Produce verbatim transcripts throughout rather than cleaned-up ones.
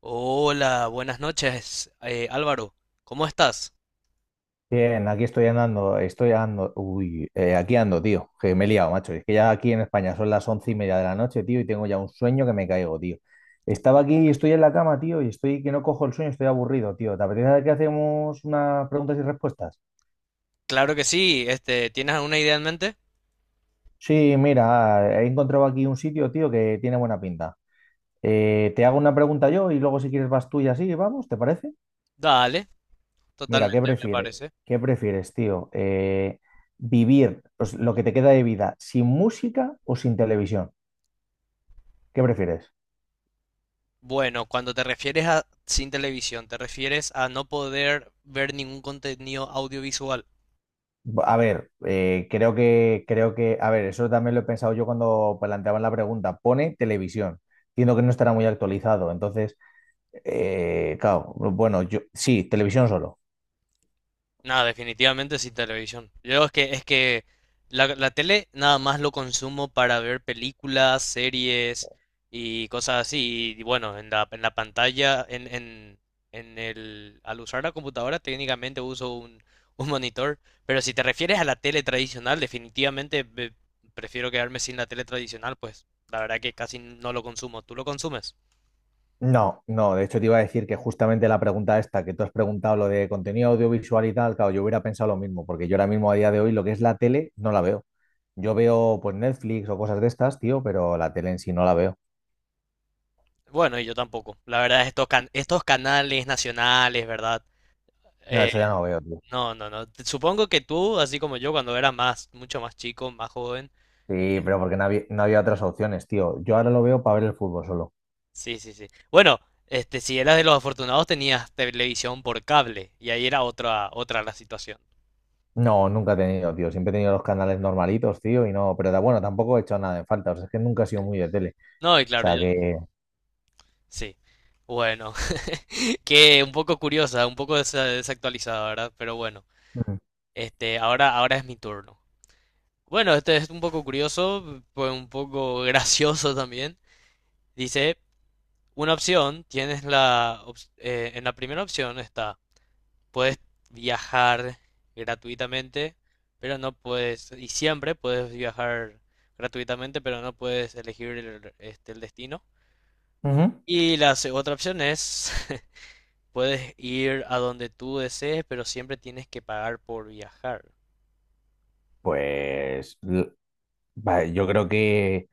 Hola, buenas noches, eh, Álvaro. ¿Cómo estás? Bien, aquí estoy andando, estoy andando, uy, eh, aquí ando, tío, que me he liado, macho. Es que ya aquí en España son las once y media de la noche, tío, y tengo ya un sueño que me caigo, tío. Estaba aquí y estoy en la cama, tío, y estoy que no cojo el sueño, estoy aburrido, tío. ¿Te apetece que hacemos unas preguntas y respuestas? Claro que sí. Este, ¿tienes alguna idea en mente? Sí, mira, he encontrado aquí un sitio, tío, que tiene buena pinta. Eh, te hago una pregunta yo y luego si quieres vas tú y así, vamos, ¿te parece? Dale, Mira, ¿qué totalmente, me prefieres? parece. ¿Qué prefieres, tío? Eh, ¿vivir pues, lo que te queda de vida sin música o sin televisión? ¿Qué prefieres? Bueno, cuando te refieres a sin televisión, ¿te refieres a no poder ver ningún contenido audiovisual? A ver, eh, creo que, creo que, a ver, eso también lo he pensado yo cuando planteaban la pregunta. Pone televisión. Entiendo que no estará muy actualizado. Entonces, eh, claro, bueno, yo sí, televisión solo. No, definitivamente sí televisión. Yo es que es que la, la tele nada más lo consumo para ver películas, series y cosas así. Y bueno, en la, en la pantalla, en, en, en el, al usar la computadora técnicamente uso un, un monitor. Pero si te refieres a la tele tradicional, definitivamente ve- prefiero quedarme sin la tele tradicional, pues la verdad que casi no lo consumo. ¿Tú lo consumes? No, no, de hecho te iba a decir que justamente la pregunta esta que tú has preguntado, lo de contenido audiovisual y tal, claro, yo hubiera pensado lo mismo, porque yo ahora mismo a día de hoy lo que es la tele no la veo. Yo veo pues Netflix o cosas de estas, tío, pero la tele en sí no la veo. Bueno, y yo tampoco. La verdad, estos, can- estos canales nacionales, ¿verdad? No, Eh, eso ya no lo veo, tío. No, no, no. Te- Supongo que tú, así como yo, cuando era más, mucho más chico, más joven. eh, Sí, pero porque no había, no había otras opciones, tío. Yo ahora lo veo para ver el fútbol solo. sí, sí, sí. Bueno, este, si eras de los afortunados, tenías televisión por cable. Y ahí era otra, otra la situación. No, nunca he tenido, tío. Siempre he tenido los canales normalitos, tío, y no, pero da bueno, tampoco he hecho nada en falta. O sea, es que nunca he sido muy de tele. No, y O claro, yo. sea que... Sí. Bueno, que un poco curiosa, un poco desa- desactualizada, ¿verdad? Pero bueno, Ujú. este, ahora, ahora es mi turno. Bueno, este es un poco curioso, pues un poco gracioso también. Dice, una opción, tienes la, ops- eh, en la primera opción está puedes viajar gratuitamente, pero no puedes, y siempre puedes viajar gratuitamente, pero no puedes elegir el, este, el destino. Ujú. Y la se- otra opción es, puedes ir a donde tú desees, pero siempre tienes que pagar por viajar. Pues l- va, yo creo que...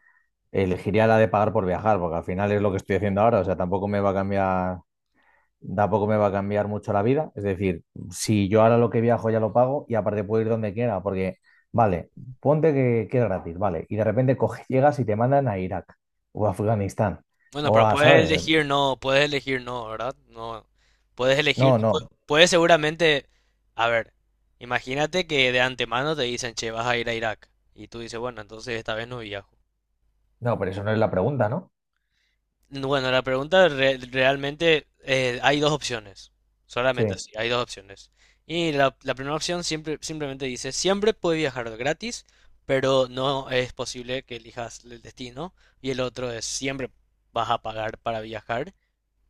elegiría la de pagar por viajar, porque al final es lo que estoy haciendo ahora, o sea, tampoco me va a cambiar, tampoco me va a cambiar mucho la vida, es decir, si yo ahora lo que viajo ya lo pago y aparte puedo ir donde quiera, porque, vale, ponte que, que es gratis, vale, y de repente coges, llegas y te mandan a Irak o a Afganistán Bueno, o pero a, puedes ¿sabes? elegir no, puedes elegir no, ¿verdad? No, puedes elegir, No, no, pu- puedes seguramente, a ver, imagínate que de antemano te dicen, che, vas a ir a Irak. Y tú dices, bueno, entonces esta vez no viajo. no, pero eso no es la pregunta, ¿no? Bueno, la pregunta re- realmente eh, hay dos opciones, solamente Sí. así, hay dos opciones. Y la, la primera opción siempre, simplemente dice, siempre puedes viajar gratis, pero no es posible que elijas el destino. Y el otro es, siempre vas a pagar para viajar,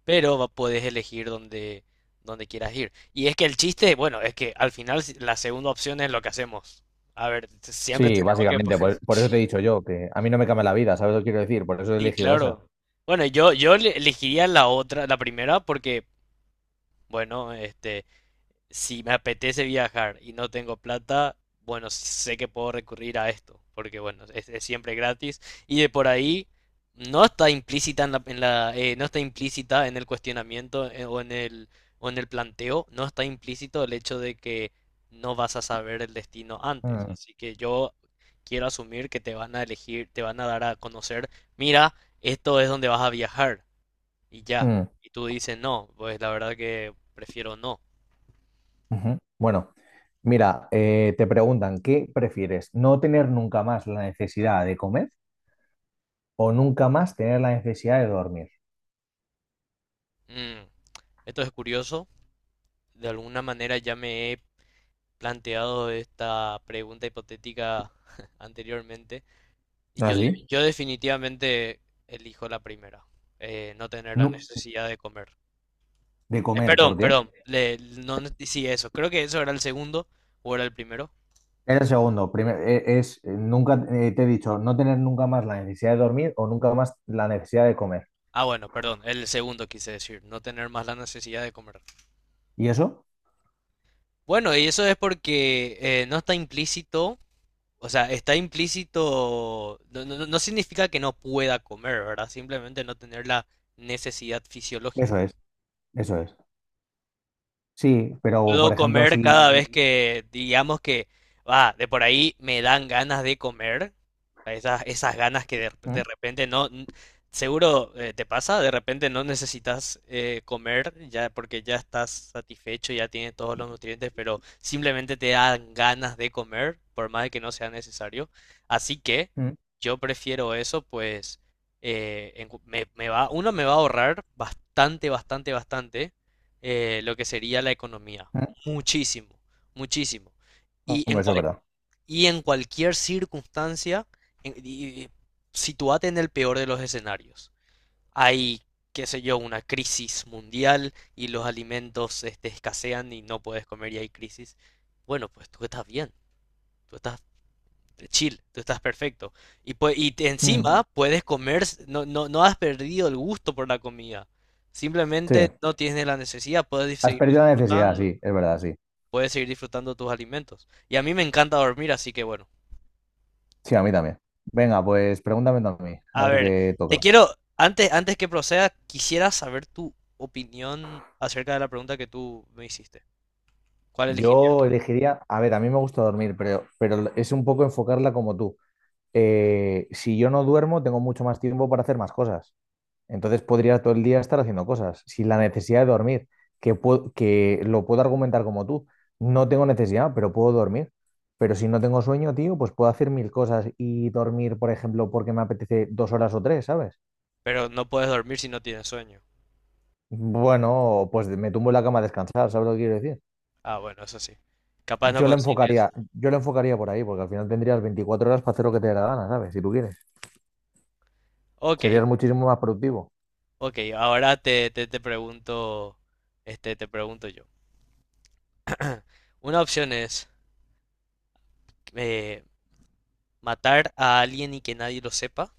pero va- puedes elegir donde, donde quieras ir. Y es que el chiste, bueno, es que al final si- la segunda opción es lo que hacemos. A ver, siempre Sí, tenemos que... po- básicamente, por, por eso te he dicho yo, que a mí no me cambia la vida, ¿sabes lo que quiero decir? Por eso he Sí, elegido esa. claro. Bueno, yo, yo le- elegiría la otra, la primera, porque... Bueno, este, si me apetece viajar y no tengo plata, bueno, sé que puedo recurrir a esto, porque bueno, es, es siempre gratis. Y de por ahí no está implícita en la, en la eh, no está implícita en el cuestionamiento eh, o en el o en el planteo, no está implícito el hecho de que no vas a saber el destino antes. Mm, Así que yo quiero asumir que te van a elegir, te van a dar a conocer, mira, esto es donde vas a viajar y ya. mm. Y tú dices, no, pues la verdad que prefiero no. Ujú. Bueno, mira, eh, te preguntan, ¿qué prefieres? ¿No tener nunca más la necesidad de comer o nunca más tener la necesidad de dormir? Mm, Esto es curioso. De alguna manera ya me he planteado esta pregunta hipotética anteriormente. Y ¿Ah, yo, sí? yo definitivamente elijo la primera. Eh, no tener la No, necesidad de comer. de Eh, comer, perdón, ¿por qué? perdón. Le- no, no- sí, eso. Creo que eso era el segundo o era el primero. Es el segundo. Primero, es, eh, nunca eh, te he dicho no tener nunca más la necesidad de dormir o nunca más la necesidad de comer. Ah, bueno, perdón. El segundo quise decir. No tener más la necesidad de comer. ¿Y eso? Bueno, y eso es porque eh, no está implícito. O sea, está implícito, no, no- no no significa que no pueda comer, ¿verdad? Simplemente no tener la necesidad Eso fisiológica. es, eso es. Sí, pero por Puedo ejemplo, comer si... cada vez que, digamos que, va, de por ahí me dan ganas de comer, a esas, esas ganas que de, de Mm, repente no, n- seguro eh, te pasa, de repente no necesitas eh, comer ya porque ya estás satisfecho, ya tienes todos los nutrientes, pero simplemente te dan ganas de comer, por más de que no sea necesario. Así que mm, yo prefiero eso, pues eh, en cu- me, me va, uno me va a ahorrar bastante, bastante, bastante eh, lo que sería la economía. mm. Muchísimo, muchísimo. Y en, Hombre, eso es cual- verdad. y en cualquier circunstancia, en- y- y- sitúate en el peor de los escenarios. Hay, qué sé yo, una crisis mundial y los alimentos este, escasean y no puedes comer y hay crisis. Bueno, pues tú estás bien, tú estás chill, tú estás perfecto. Y, pue- y te- Mm, Encima puedes comer, s- no, no, no has perdido el gusto por la comida. sí. Simplemente no tienes la necesidad, puedes Has seguir perdido la necesidad, disfrutando sí, es verdad, sí. puedes seguir disfrutando tus alimentos. Y a mí me encanta dormir, así que bueno. Sí, a mí también. Venga, pues pregúntame tú a mí, a A ver ver, qué te toca. quiero, antes, antes que proceda, quisiera saber tu opinión acerca de la pregunta que tú me hiciste. ¿Cuál elegirías? Yo elegiría, a ver, a mí me gusta dormir, pero, pero es un poco enfocarla como tú. Eh, si yo no duermo, tengo mucho más tiempo para hacer más cosas. Entonces podría todo el día estar haciendo cosas, sin la necesidad de dormir, que, puedo que lo puedo argumentar como tú. No tengo necesidad, pero puedo dormir. Pero si no tengo sueño, tío, pues puedo hacer mil cosas y dormir, por ejemplo, porque me apetece dos horas o tres, ¿sabes? Pero no puedes dormir si no tienes sueño. Bueno, pues me tumbo en la cama a descansar, ¿sabes lo que quiero decir? Ah, bueno, eso sí. Capaz no Yo lo concilies. enfocaría, yo lo enfocaría por ahí, porque al final tendrías veinticuatro horas para hacer lo que te dé la gana, ¿sabes? Si tú quieres. Ok, Serías muchísimo más productivo. ok. Ahora te, te, te pregunto, este, te pregunto yo. Una opción es eh, matar a alguien y que nadie lo sepa.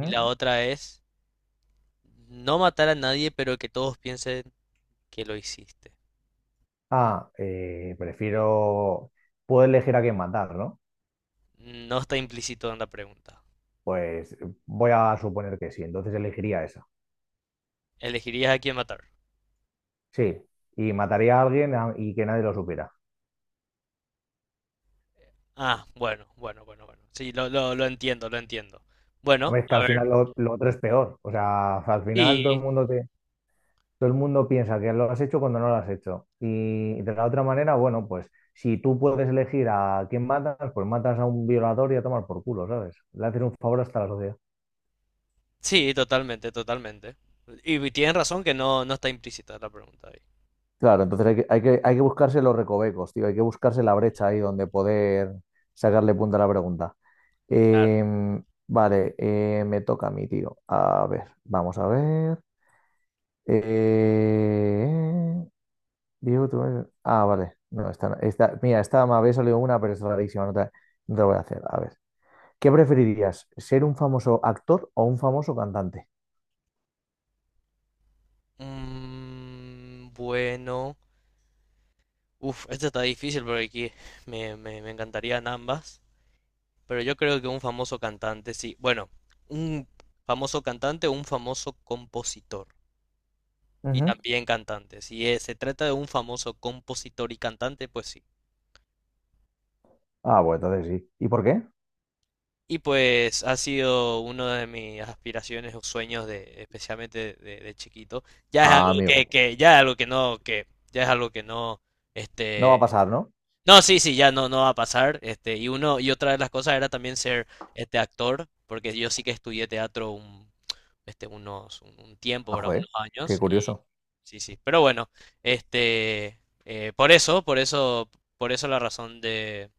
Y la otra es no matar a nadie, pero que todos piensen que lo hiciste. Ah, eh, prefiero... Puedo elegir a quién matar, ¿no? No está implícito en la pregunta. Pues eh, voy a suponer que sí, entonces elegiría esa. ¿Elegirías a quién matar? Sí, y mataría a alguien a- y que nadie lo supiera. Ah, bueno, bueno, bueno, bueno. Sí, lo, lo, lo entiendo, lo entiendo. Bueno, Hombre, es que a al final ver. lo, lo otro es peor. O sea, al final todo el Y mundo te... Todo el mundo piensa que lo has hecho cuando no lo has hecho. Y de la otra manera, bueno, pues si tú puedes elegir a quién matas, pues matas a un violador y a tomar por culo, ¿sabes? Le haces un favor hasta la sociedad. sí, totalmente, totalmente. Y, y tienen razón que no, no está implícita la pregunta ahí. Claro, entonces hay que, hay que, hay que buscarse los recovecos, tío, hay que buscarse la brecha ahí donde poder sacarle punta a la pregunta. Claro. Em, vale, eh, me toca a mí, tío. A ver, vamos a ver. Eh, Diego, tú eres- Ah, vale. No, esta, no- esta- mira, esta me había salido una, pero es rarísima. No te, no te voy a hacer. A ver. ¿Qué preferirías? ¿Ser un famoso actor o un famoso cantante? Mm, bueno. Uf, esto está difícil porque aquí me, me, me encantarían ambas. Pero yo creo que un famoso cantante, sí. Bueno, un famoso cantante o un famoso compositor. Y Ujú. también cantante. Si es- Se trata de un famoso compositor y cantante, pues sí. Ah, bueno, entonces sí. ¿Y por qué? Y pues ha sido uno de mis aspiraciones o sueños de, especialmente de, de chiquito. Ya es algo Ah, que, amigo. que- ya es algo que no, que, ya es algo que no, No va este. a pasar, ¿no? No, sí, sí, ya no, no va a pasar. Este, y uno, y otra de las cosas era también ser este actor, porque yo sí que estudié teatro un, este, unos, un, un tiempo, Ah, ¿verdad? joder. Unos Qué años. Y curioso. sí, sí. Pero bueno, este, eh, por eso, por eso, por eso la razón de,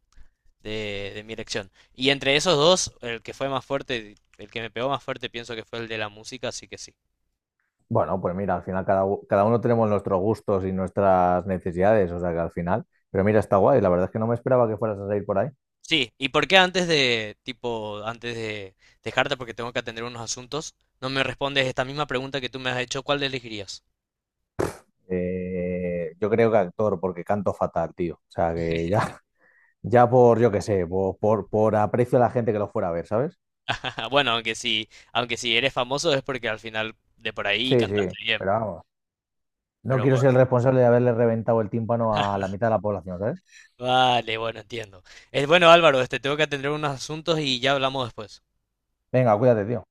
de, de mi elección. Y entre esos dos, el que fue más fuerte, el que me pegó más fuerte, pienso que fue el de la música, así que sí. Bueno, pues mira, al final cada, u- cada uno tenemos nuestros gustos y nuestras necesidades, o sea que al final. Pero mira, está guay. La verdad es que no me esperaba que fueras a salir por ahí. Sí, ¿y por qué antes de, tipo, antes de dejarte porque tengo que atender unos asuntos, no me respondes esta misma pregunta que tú me has hecho, ¿cuál elegirías? Eh, yo creo que actor, porque canto fatal, tío. O sea que ya. Ya por, yo qué sé, por, por, por aprecio a la gente que lo fuera a ver, ¿sabes? Bueno, aunque si, aunque si eres famoso es porque al final de por ahí Sí, sí, cantaste bien, pero vamos. No pero quiero ser el bueno, responsable de haberle reventado el tímpano a la mitad de la población, ¿sabes? vale, bueno, entiendo. Es bueno, Álvaro, este, tengo que atender unos asuntos y ya hablamos después. Venga, cuídate, tío.